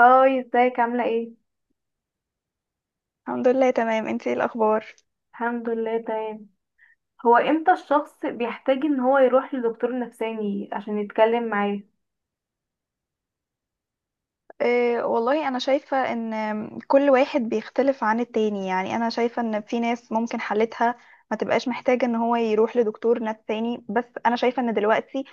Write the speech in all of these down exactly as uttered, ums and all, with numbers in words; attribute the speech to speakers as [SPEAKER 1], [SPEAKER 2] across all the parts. [SPEAKER 1] هاي، ازيك؟ عاملة ايه؟
[SPEAKER 2] الحمد لله، تمام. انتي ايه الاخبار؟
[SPEAKER 1] الحمد لله تمام. هو امتى الشخص بيحتاج ان هو يروح لدكتور نفساني عشان يتكلم معاه؟
[SPEAKER 2] اه، والله انا شايفة ان كل واحد بيختلف عن التاني. يعني انا شايفة ان في ناس ممكن حالتها ما تبقاش محتاجة ان هو يروح لدكتور نفس تاني. بس انا شايفة ان دلوقتي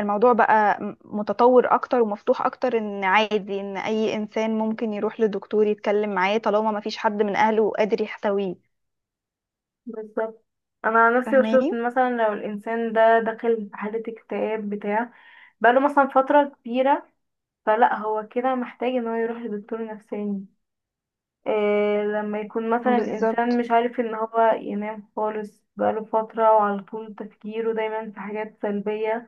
[SPEAKER 2] الموضوع بقى م- متطور اكتر ومفتوح اكتر، ان عادي ان اي انسان ممكن يروح لدكتور يتكلم معاه طالما ما فيش حد من اهله قادر يحتويه.
[SPEAKER 1] بالظبط. انا عن نفسي بشوف
[SPEAKER 2] فاهماني؟
[SPEAKER 1] إن مثلا لو الانسان ده داخل في حالة اكتئاب بتاع بقاله مثلا فترة كبيرة، فلا هو كده محتاج ان هو يروح لدكتور نفساني. إيه لما يكون مثلا الانسان
[SPEAKER 2] بالظبط.
[SPEAKER 1] مش عارف ان هو ينام خالص بقاله فترة وعلى طول تفكيره دايما في حاجات سلبية،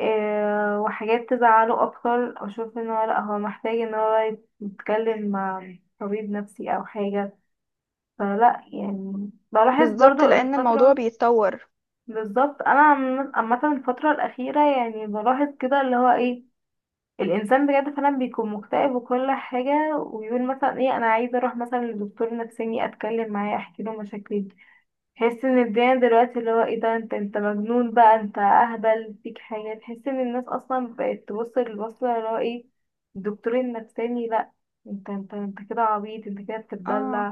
[SPEAKER 1] آه، وحاجات تزعله اكتر، اشوف ان هو لا هو محتاج ان هو يتكلم مع طبيب نفسي او حاجة. فلا يعني بلاحظ
[SPEAKER 2] بالظبط،
[SPEAKER 1] برضو
[SPEAKER 2] لان الموضوع
[SPEAKER 1] الفترة.
[SPEAKER 2] بيتطور.
[SPEAKER 1] بالظبط. انا عم- عامة الفترة الاخيرة يعني بلاحظ كده اللي هو ايه، الانسان بجد فعلا بيكون مكتئب وكل حاجة، ويقول مثلا ايه انا عايزة اروح مثلا لدكتور نفساني اتكلم معاه احكي له مشاكلي. تحس ان الدنيا دلوقتي اللي هو ايه ده، انت انت مجنون بقى، انت اهبل، فيك حاجة. تحس ان الناس اصلا بقت تبص للبص اللي هو ايه الدكتور النفساني، لا انت انت انت كده عبيط، انت كده بتتدلع،
[SPEAKER 2] اه،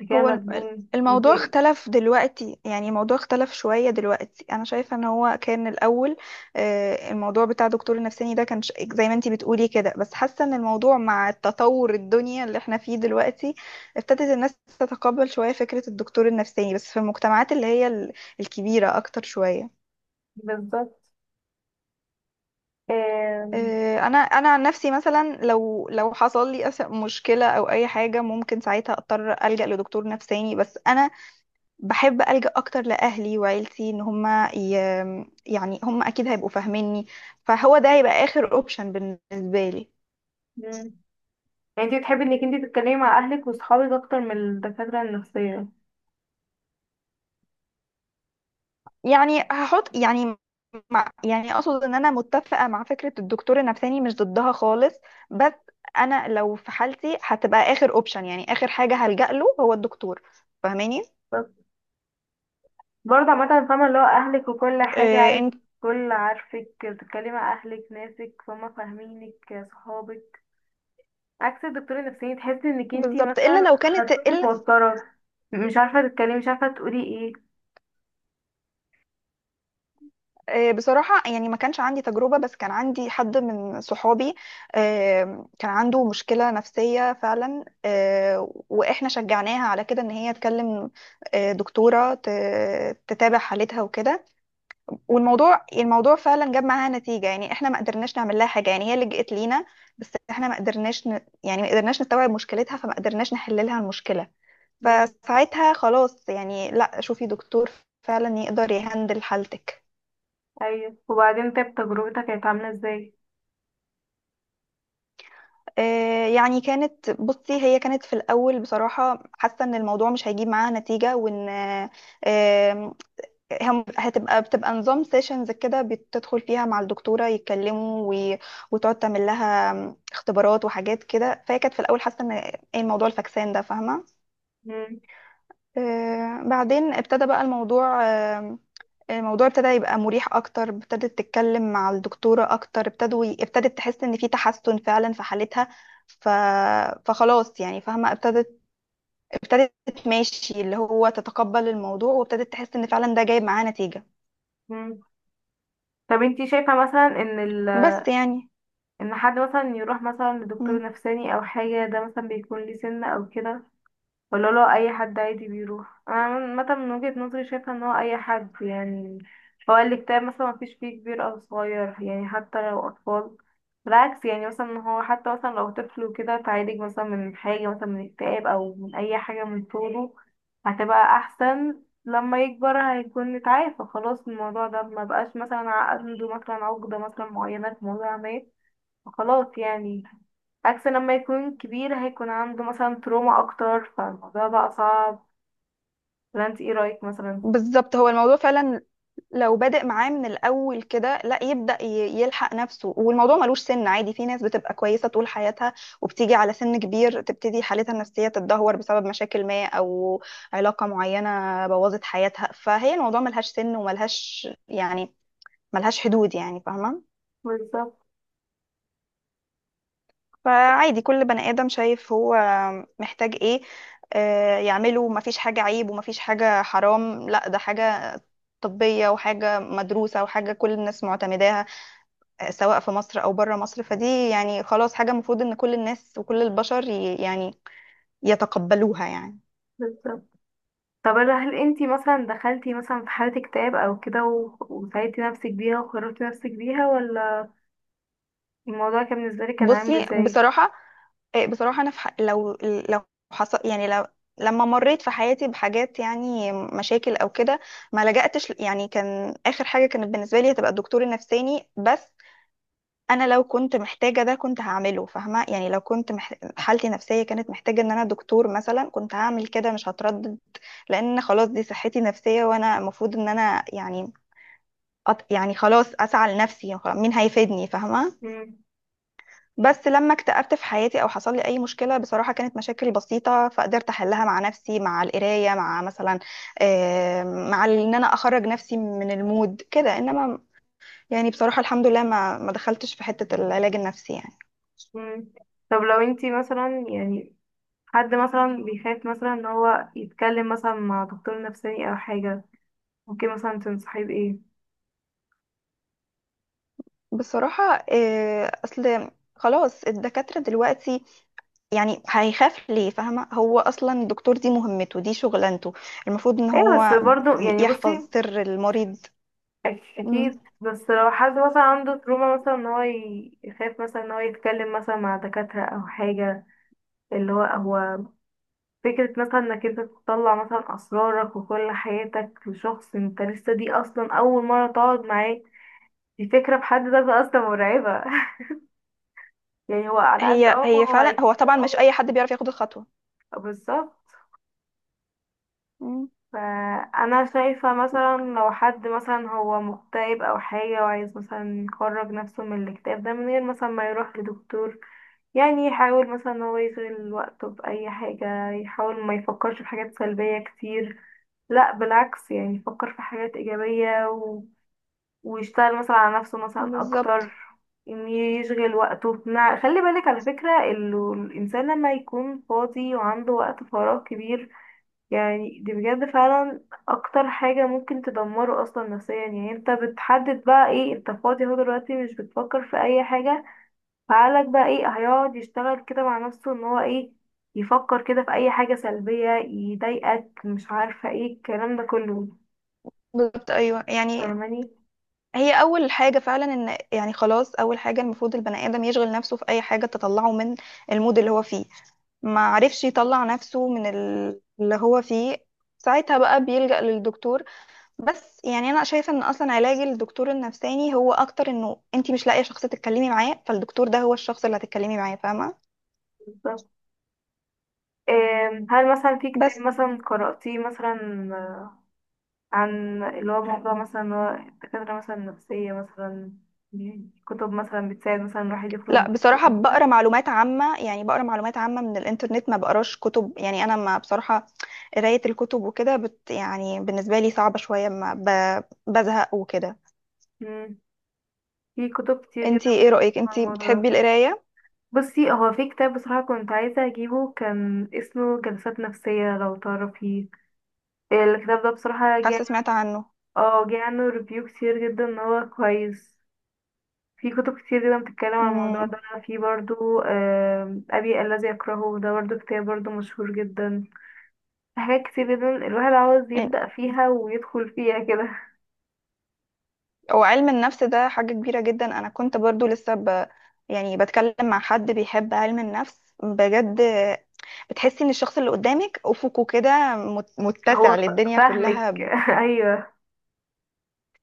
[SPEAKER 1] انت كده
[SPEAKER 2] هو الم-
[SPEAKER 1] مجنون انت.
[SPEAKER 2] الموضوع اختلف دلوقتي. يعني الموضوع اختلف شوية دلوقتي. أنا شايفة إن هو كان الأول، آه، الموضوع بتاع دكتور النفساني ده كان ش- زي ما انتي بتقولي كده، بس حاسة إن الموضوع مع التطور الدنيا اللي احنا فيه دلوقتي ابتدت الناس تتقبل شوية فكرة الدكتور النفساني، بس في المجتمعات اللي هي ال- الكبيرة أكتر شوية.
[SPEAKER 1] بالظبط. آم،
[SPEAKER 2] آه، انا انا عن نفسي مثلا لو لو حصل لي أس- مشكله او اي حاجه ممكن ساعتها اضطر الجا لدكتور نفساني، بس انا بحب ألجأ أكتر لأهلي وعيلتي. إن هما ي... يعني هما أكيد هيبقوا فاهميني. فهو ده هيبقى آخر أوبشن بالنسبة لي.
[SPEAKER 1] مم. يعني انت بتحبي انك انت تتكلمي مع اهلك وصحابك اكتر من الدكاترة النفسية؟
[SPEAKER 2] يعني هحط يعني مع... يعني أقصد إن أنا متفقة مع فكرة الدكتور النفساني، مش ضدها خالص. بس أنا لو في حالتي هتبقى آخر أوبشن، يعني آخر حاجة هلجأ له هو الدكتور. فاهماني؟
[SPEAKER 1] بس برضه عامة فاهمة، اللي هو اهلك وكل حاجة
[SPEAKER 2] إيه
[SPEAKER 1] عادي،
[SPEAKER 2] انت.
[SPEAKER 1] كل عارفك، بتتكلمي مع اهلك، ناسك فهم فاهمينك، صحابك، عكس الدكتور النفساني تحس انك انتي
[SPEAKER 2] بالظبط،
[SPEAKER 1] مثلا
[SPEAKER 2] إلا لو كانت
[SPEAKER 1] هتكوني
[SPEAKER 2] إلا.
[SPEAKER 1] متوترة، مش عارفة تتكلمي، مش عارفة تقولي ايه.
[SPEAKER 2] آه، بصراحة يعني ما كانش عندي تجربة، بس كان عندي حد من صحابي، آه، كان عنده مشكلة نفسية فعلا. آه، وإحنا شجعناها على كده إن هي تكلم آه، دكتورة ت- تتابع حالتها وكده. والموضوع الموضوع فعلا جاب معاها نتيجة. يعني إحنا ما قدرناش نعمل لها حاجة، يعني هي لجأت لينا بس إحنا ما قدرناش ن... يعني ما قدرناش نستوعب مشكلتها، فما قدرناش نحل لها المشكلة.
[SPEAKER 1] مم.
[SPEAKER 2] فساعتها خلاص يعني لا، شوفي دكتور فعلا يقدر يهندل حالتك.
[SPEAKER 1] ايوه، وبعدين طيب تجربتك كانت عاملة ازاي؟
[SPEAKER 2] آه، يعني كانت بصي، هي كانت في الأول بصراحة حاسة إن الموضوع مش هيجيب معاها نتيجة، وإن آه، آم، هم- هتبقى بتبقى نظام سيشنز كده، بتدخل فيها مع الدكتورة يتكلموا و- وتقعد تعمل لها اختبارات وحاجات كده. فهي كانت في الأول حاسة إن إيه الموضوع الفكسان ده، فاهمة.
[SPEAKER 1] مم.
[SPEAKER 2] آه، بعدين ابتدى بقى الموضوع. آه، آه، الموضوع ابتدى يبقى مريح اكتر، ابتدت تتكلم مع الدكتورة اكتر، ابتدوا ابتدت تحس ان في تحسن فعلا في حالتها. ف... فخلاص يعني فاهمة، ابتدت ابتدت ماشي اللي هو تتقبل الموضوع وابتدت تحس ان فعلا ده جايب معاه نتيجة.
[SPEAKER 1] مم. طب انتي شايفة مثلا ان ال...
[SPEAKER 2] بس يعني.
[SPEAKER 1] ان حد مثلا يروح مثلا لدكتور
[SPEAKER 2] مم.
[SPEAKER 1] نفساني او حاجة، ده مثلا بيكون ليه سن او كده؟ ولا لو اي حد عادي بيروح؟ انا عامة من وجهة نظري شايفة ان هو اي حد يعني، هو الاكتئاب مثلا مفيش فيه كبير او صغير، يعني حتى لو اطفال، بالعكس، يعني مثلا إن هو حتى مثلا لو طفل وكده تعالج مثلا من حاجة، مثلا من اكتئاب او من اي حاجة، من طوله هتبقى احسن، لما يكبر هيكون اتعافى خلاص من الموضوع ده، ما بقاش مثلا عنده مثلا عقدة مثلا معينة في موضوع ما، خلاص يعني. عكس لما يكون كبير هيكون عنده مثلا تروما اكتر فالموضوع بقى صعب. ولا انت ايه رايك مثلا؟
[SPEAKER 2] بالظبط، هو الموضوع فعلا لو بادئ معاه من الأول كده لا يبدأ ي- يلحق نفسه، والموضوع ملوش سن. عادي في ناس بتبقى كويسة طول حياتها وبتيجي على سن كبير تبتدي حالتها النفسية تتدهور بسبب مشاكل ما أو علاقة معينة بوظت حياتها. فهي الموضوع ملهاش سن وملهاش يعني ملهاش حدود، يعني فاهمة.
[SPEAKER 1] بالظبط.
[SPEAKER 2] فعادي كل بني آدم شايف هو محتاج إيه آه، يعمله، مفيش حاجة عيب ومفيش حاجة حرام، لا ده حاجة طبية وحاجة مدروسة وحاجة كل الناس معتمداها، آه، سواء في مصر او بره مصر. فدي يعني خلاص حاجه المفروض ان كل الناس وكل البشر ي- يعني يتقبلوها يعني.
[SPEAKER 1] بالظبط. طب هل هل انت مثلا دخلتي مثلا في حالة اكتئاب او كده، و- وساعدتي نفسك بيها وخرجتي نفسك بيها، ولا الموضوع كان بالنسبة لك كان عامل
[SPEAKER 2] بصي،
[SPEAKER 1] ازاي؟
[SPEAKER 2] بصراحه. آه، بصراحه انا في ح- لو لو حصل يعني لو لما مريت في حياتي بحاجات، يعني مشاكل او كده، ما لجأتش ل- يعني كان اخر حاجه كانت بالنسبه لي هتبقى الدكتور النفساني. بس انا لو كنت محتاجه ده كنت هعمله، فاهمه. يعني لو كنت مح... حالتي النفسيه كانت محتاجه ان انا دكتور مثلا كنت هعمل كده، مش هتردد. لان خلاص دي صحتي النفسيه، وانا المفروض ان انا يعني أط... يعني خلاص اسعى لنفسي، خلاص مين هيفيدني، فاهمه.
[SPEAKER 1] مم.
[SPEAKER 2] بس لما اكتئبت في حياتي او حصل لي اي مشكله، بصراحه كانت مشاكل بسيطه فقدرت احلها مع نفسي، مع القرايه، مع مثلا آه، مع ان انا اخرج نفسي من المود كده، انما يعني بصراحه الحمد لله ما ما دخلتش في حته العلاج النفسي يعني.
[SPEAKER 1] مم. طب لو انت مثلا يعني حد مثلا بيخاف مثلا ان هو يتكلم مثلا مع دكتور نفساني او حاجة، ممكن مثلا تنصحيه بايه؟
[SPEAKER 2] بصراحة آه، أصل خلاص الدكاترة دلوقتي، يعني هيخاف ليه؟ فاهمة، هو أصلا الدكتور دي مهمته، دي شغلانته، المفروض إن
[SPEAKER 1] ايه، بس
[SPEAKER 2] هو
[SPEAKER 1] برضو يعني
[SPEAKER 2] يحفظ
[SPEAKER 1] بصي،
[SPEAKER 2] سر المريض.
[SPEAKER 1] أك-
[SPEAKER 2] مم.
[SPEAKER 1] اكيد، بس لو حد مثلا عنده تروما مثلا ان هو ي- يخاف مثلا ان هو يتكلم مثلا مع دكاترة او حاجة، اللي هو هو فكرة مثلا انك انت تطلع مثلا اسرارك وكل حياتك لشخص انت لسه دي اصلا اول مرة تقعد معاه، دي فكرة بحد ذاتها اصلا مرعبة. يعني هو على قد
[SPEAKER 2] هي
[SPEAKER 1] اه ما
[SPEAKER 2] هي
[SPEAKER 1] هو
[SPEAKER 2] فعلا، هو
[SPEAKER 1] هيفيدك
[SPEAKER 2] طبعا
[SPEAKER 1] اه
[SPEAKER 2] مش أي
[SPEAKER 1] بس.
[SPEAKER 2] حد بيعرف ياخد الخطوة.
[SPEAKER 1] بالظبط.
[SPEAKER 2] مم.
[SPEAKER 1] فانا شايفة مثلا لو حد مثلا هو مكتئب او حاجة وعايز مثلا يخرج نفسه من الاكتئاب ده من غير مثلا ما يروح لدكتور، يعني يحاول مثلا ان هو يشغل وقته بأي حاجة، يحاول ما يفكرش في حاجات سلبية كتير، لا بالعكس يعني يفكر في حاجات إيجابية و... ويشتغل مثلا على نفسه مثلا أكتر.
[SPEAKER 2] بالظبط.
[SPEAKER 1] إن يشغل وقته، نع- خلي بالك على فكرة إنه الإنسان لما يكون فاضي وعنده وقت فراغ كبير، يعني دي بجد فعلا أكتر حاجة ممكن تدمره أصلا نفسيا. يعني أنت بتحدد بقى إيه، أنت فاضي أهو دلوقتي مش بتفكر في أي حاجة، فقالك بقى ايه، هيقعد يشتغل كده مع نفسه ان هو ايه، يفكر كده في اي حاجة سلبية يضايقك، مش عارفة ايه الكلام ده كله.
[SPEAKER 2] بالظبط، أيوه يعني.
[SPEAKER 1] فاهماني؟
[SPEAKER 2] هي اول حاجه فعلا ان يعني خلاص اول حاجه المفروض البني ادم يشغل نفسه في اي حاجه تطلعه من المود اللي هو فيه. ما عرفش يطلع نفسه من ال- اللي هو فيه ساعتها بقى بيلجأ للدكتور. بس يعني انا شايفه ان اصلا علاج الدكتور النفساني هو اكتر انه انت مش لاقيه شخص تتكلمي معاه، فالدكتور ده هو الشخص اللي هتتكلمي معاه، فاهمه.
[SPEAKER 1] بالظبط. آم، هل مثلا في كتاب
[SPEAKER 2] بس.
[SPEAKER 1] مثلا قرأتيه مثلا عن اللي هو موضوع مثلا اللي هو الدكاترة مثلا النفسية مثلا، دي كتب مثلا بتساعد مثلا الواحد يخرج من
[SPEAKER 2] لا
[SPEAKER 1] الاكتئاب
[SPEAKER 2] بصراحة
[SPEAKER 1] أو كده؟
[SPEAKER 2] بقرا معلومات عامة، يعني بقرا معلومات عامة من الإنترنت، ما بقراش كتب. يعني أنا، ما بصراحة، قراية الكتب وكده بت يعني بالنسبة لي صعبة شوية، ما ب... بزهق وكده.
[SPEAKER 1] مم. في كتب كتير
[SPEAKER 2] انتي
[SPEAKER 1] جدا
[SPEAKER 2] ايه
[SPEAKER 1] بتتكلم
[SPEAKER 2] رأيك،
[SPEAKER 1] عن
[SPEAKER 2] انتي
[SPEAKER 1] الموضوع ده.
[SPEAKER 2] بتحبي القراية؟
[SPEAKER 1] بصي، هو في كتاب بصراحة كنت عايزة أجيبه، كان اسمه جلسات نفسية، لو تعرفيه. الكتاب ده بصراحة جه،
[SPEAKER 2] حاسة سمعت عنه.
[SPEAKER 1] اه جه عنه ريفيو كتير جدا ان هو كويس. في كتب كتير جدا بتتكلم عن الموضوع ده.
[SPEAKER 2] امم.
[SPEAKER 1] في برضو آم، أبي الذي يكرهه، ده برضو كتاب برضو مشهور جدا. في حاجات كتير جدا الواحد عاوز يبدأ فيها ويدخل فيها كده.
[SPEAKER 2] هو علم النفس ده حاجة كبيرة جدا. أنا كنت برضو لسه ب... يعني بتكلم مع حد بيحب علم النفس بجد، بتحسي ان الشخص اللي قدامك افقه كده مت- متسع
[SPEAKER 1] هو ف-
[SPEAKER 2] للدنيا
[SPEAKER 1] فاهمك.
[SPEAKER 2] كلها،
[SPEAKER 1] أيوه،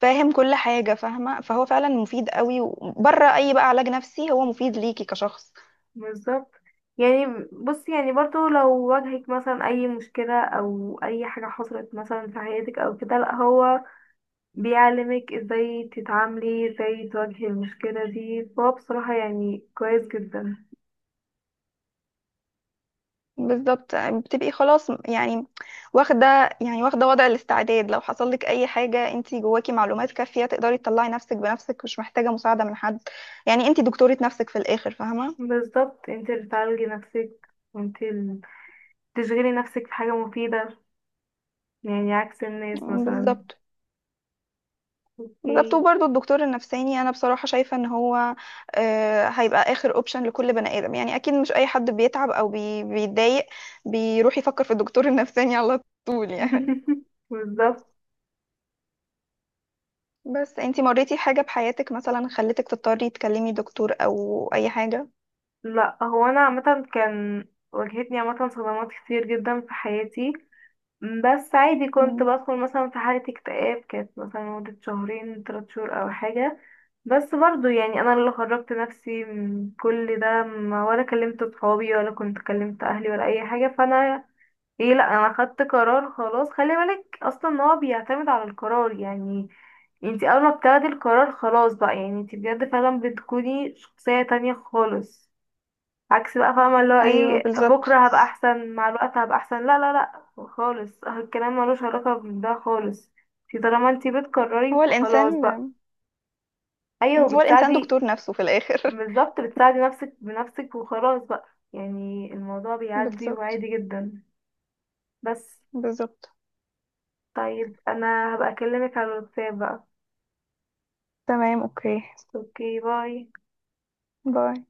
[SPEAKER 2] فاهم كل حاجة، فاهمة. فهو فعلا مفيد قوي، وبره أي بقى علاج نفسي هو مفيد ليكي كشخص.
[SPEAKER 1] بالظبط. يعني بص، يعني برضو لو واجهك مثلا أي مشكلة أو أي حاجة حصلت مثلا في حياتك أو كده، لأ هو بيعلمك ازاي تتعاملي، ازاي تواجهي المشكلة دي، فهو بصراحة يعني كويس جدا.
[SPEAKER 2] بالظبط. بتبقي خلاص يعني واخدة، يعني واخدة وضع الاستعداد. لو حصل لك أي حاجة انتي جواكي معلومات كافية تقدري تطلعي نفسك بنفسك، مش محتاجة مساعدة من حد. يعني انتي دكتورة نفسك في الآخر، فاهمة.
[SPEAKER 1] بالظبط، انت اللي تعالجي نفسك وانت اللي تشغلي نفسك في حاجة مفيدة، يعني عكس الناس مثلا.
[SPEAKER 2] بالظبط. بالظبط،
[SPEAKER 1] اوكي.
[SPEAKER 2] وبرضه الدكتور النفساني انا بصراحه شايفه ان هو آه، هيبقى اخر اوبشن لكل بني ادم. يعني اكيد مش اي حد بيتعب او بي- بيتضايق بيروح يفكر في الدكتور النفساني على طول يعني.
[SPEAKER 1] بالظبط.
[SPEAKER 2] بس انتي مريتي حاجه بحياتك مثلا خلتك تضطري تكلمي دكتور او اي حاجه؟
[SPEAKER 1] لا هو انا عامة كان واجهتني عامة صدمات كتير جدا في حياتي، م، بس عادي كنت
[SPEAKER 2] مم.
[SPEAKER 1] بدخل مثلا في حالة اكتئاب، كانت مثلا لمدة شهرين تلات شهور أو حاجة، بس برضو يعني أنا اللي خرجت نفسي من كل ده، ما ولا كلمت صحابي ولا كنت كلمت أهلي ولا أي حاجة. فأنا ايه، لأ أنا خدت قرار خلاص. خلي بالك أصلا إن هو بيعتمد على القرار، يعني انتي أول ما بتاخدي القرار خلاص بقى، يعني انتي بجد فعلا بتكوني شخصية تانية خالص. عكس بقى، فاهمة اللي هو
[SPEAKER 2] ايوه
[SPEAKER 1] ايه،
[SPEAKER 2] بالظبط.
[SPEAKER 1] بكرة هبقى احسن، مع الوقت هبقى احسن، لا لا لا خالص، الكلام ملوش علاقة بده خالص. انتي طالما انتي
[SPEAKER 2] هو
[SPEAKER 1] بتكرري فخلاص
[SPEAKER 2] الانسان
[SPEAKER 1] بقى. ايوه،
[SPEAKER 2] هو الانسان
[SPEAKER 1] وبتساعدي،
[SPEAKER 2] دكتور نفسه في الاخر.
[SPEAKER 1] بالظبط، بتساعدي نفسك بنفسك وخلاص بقى، يعني الموضوع بيعدي
[SPEAKER 2] بالظبط.
[SPEAKER 1] وعادي جدا. بس.
[SPEAKER 2] بالظبط.
[SPEAKER 1] طيب انا هبقى اكلمك على الواتساب بقى.
[SPEAKER 2] تمام، اوكي،
[SPEAKER 1] اوكي، باي.
[SPEAKER 2] باي.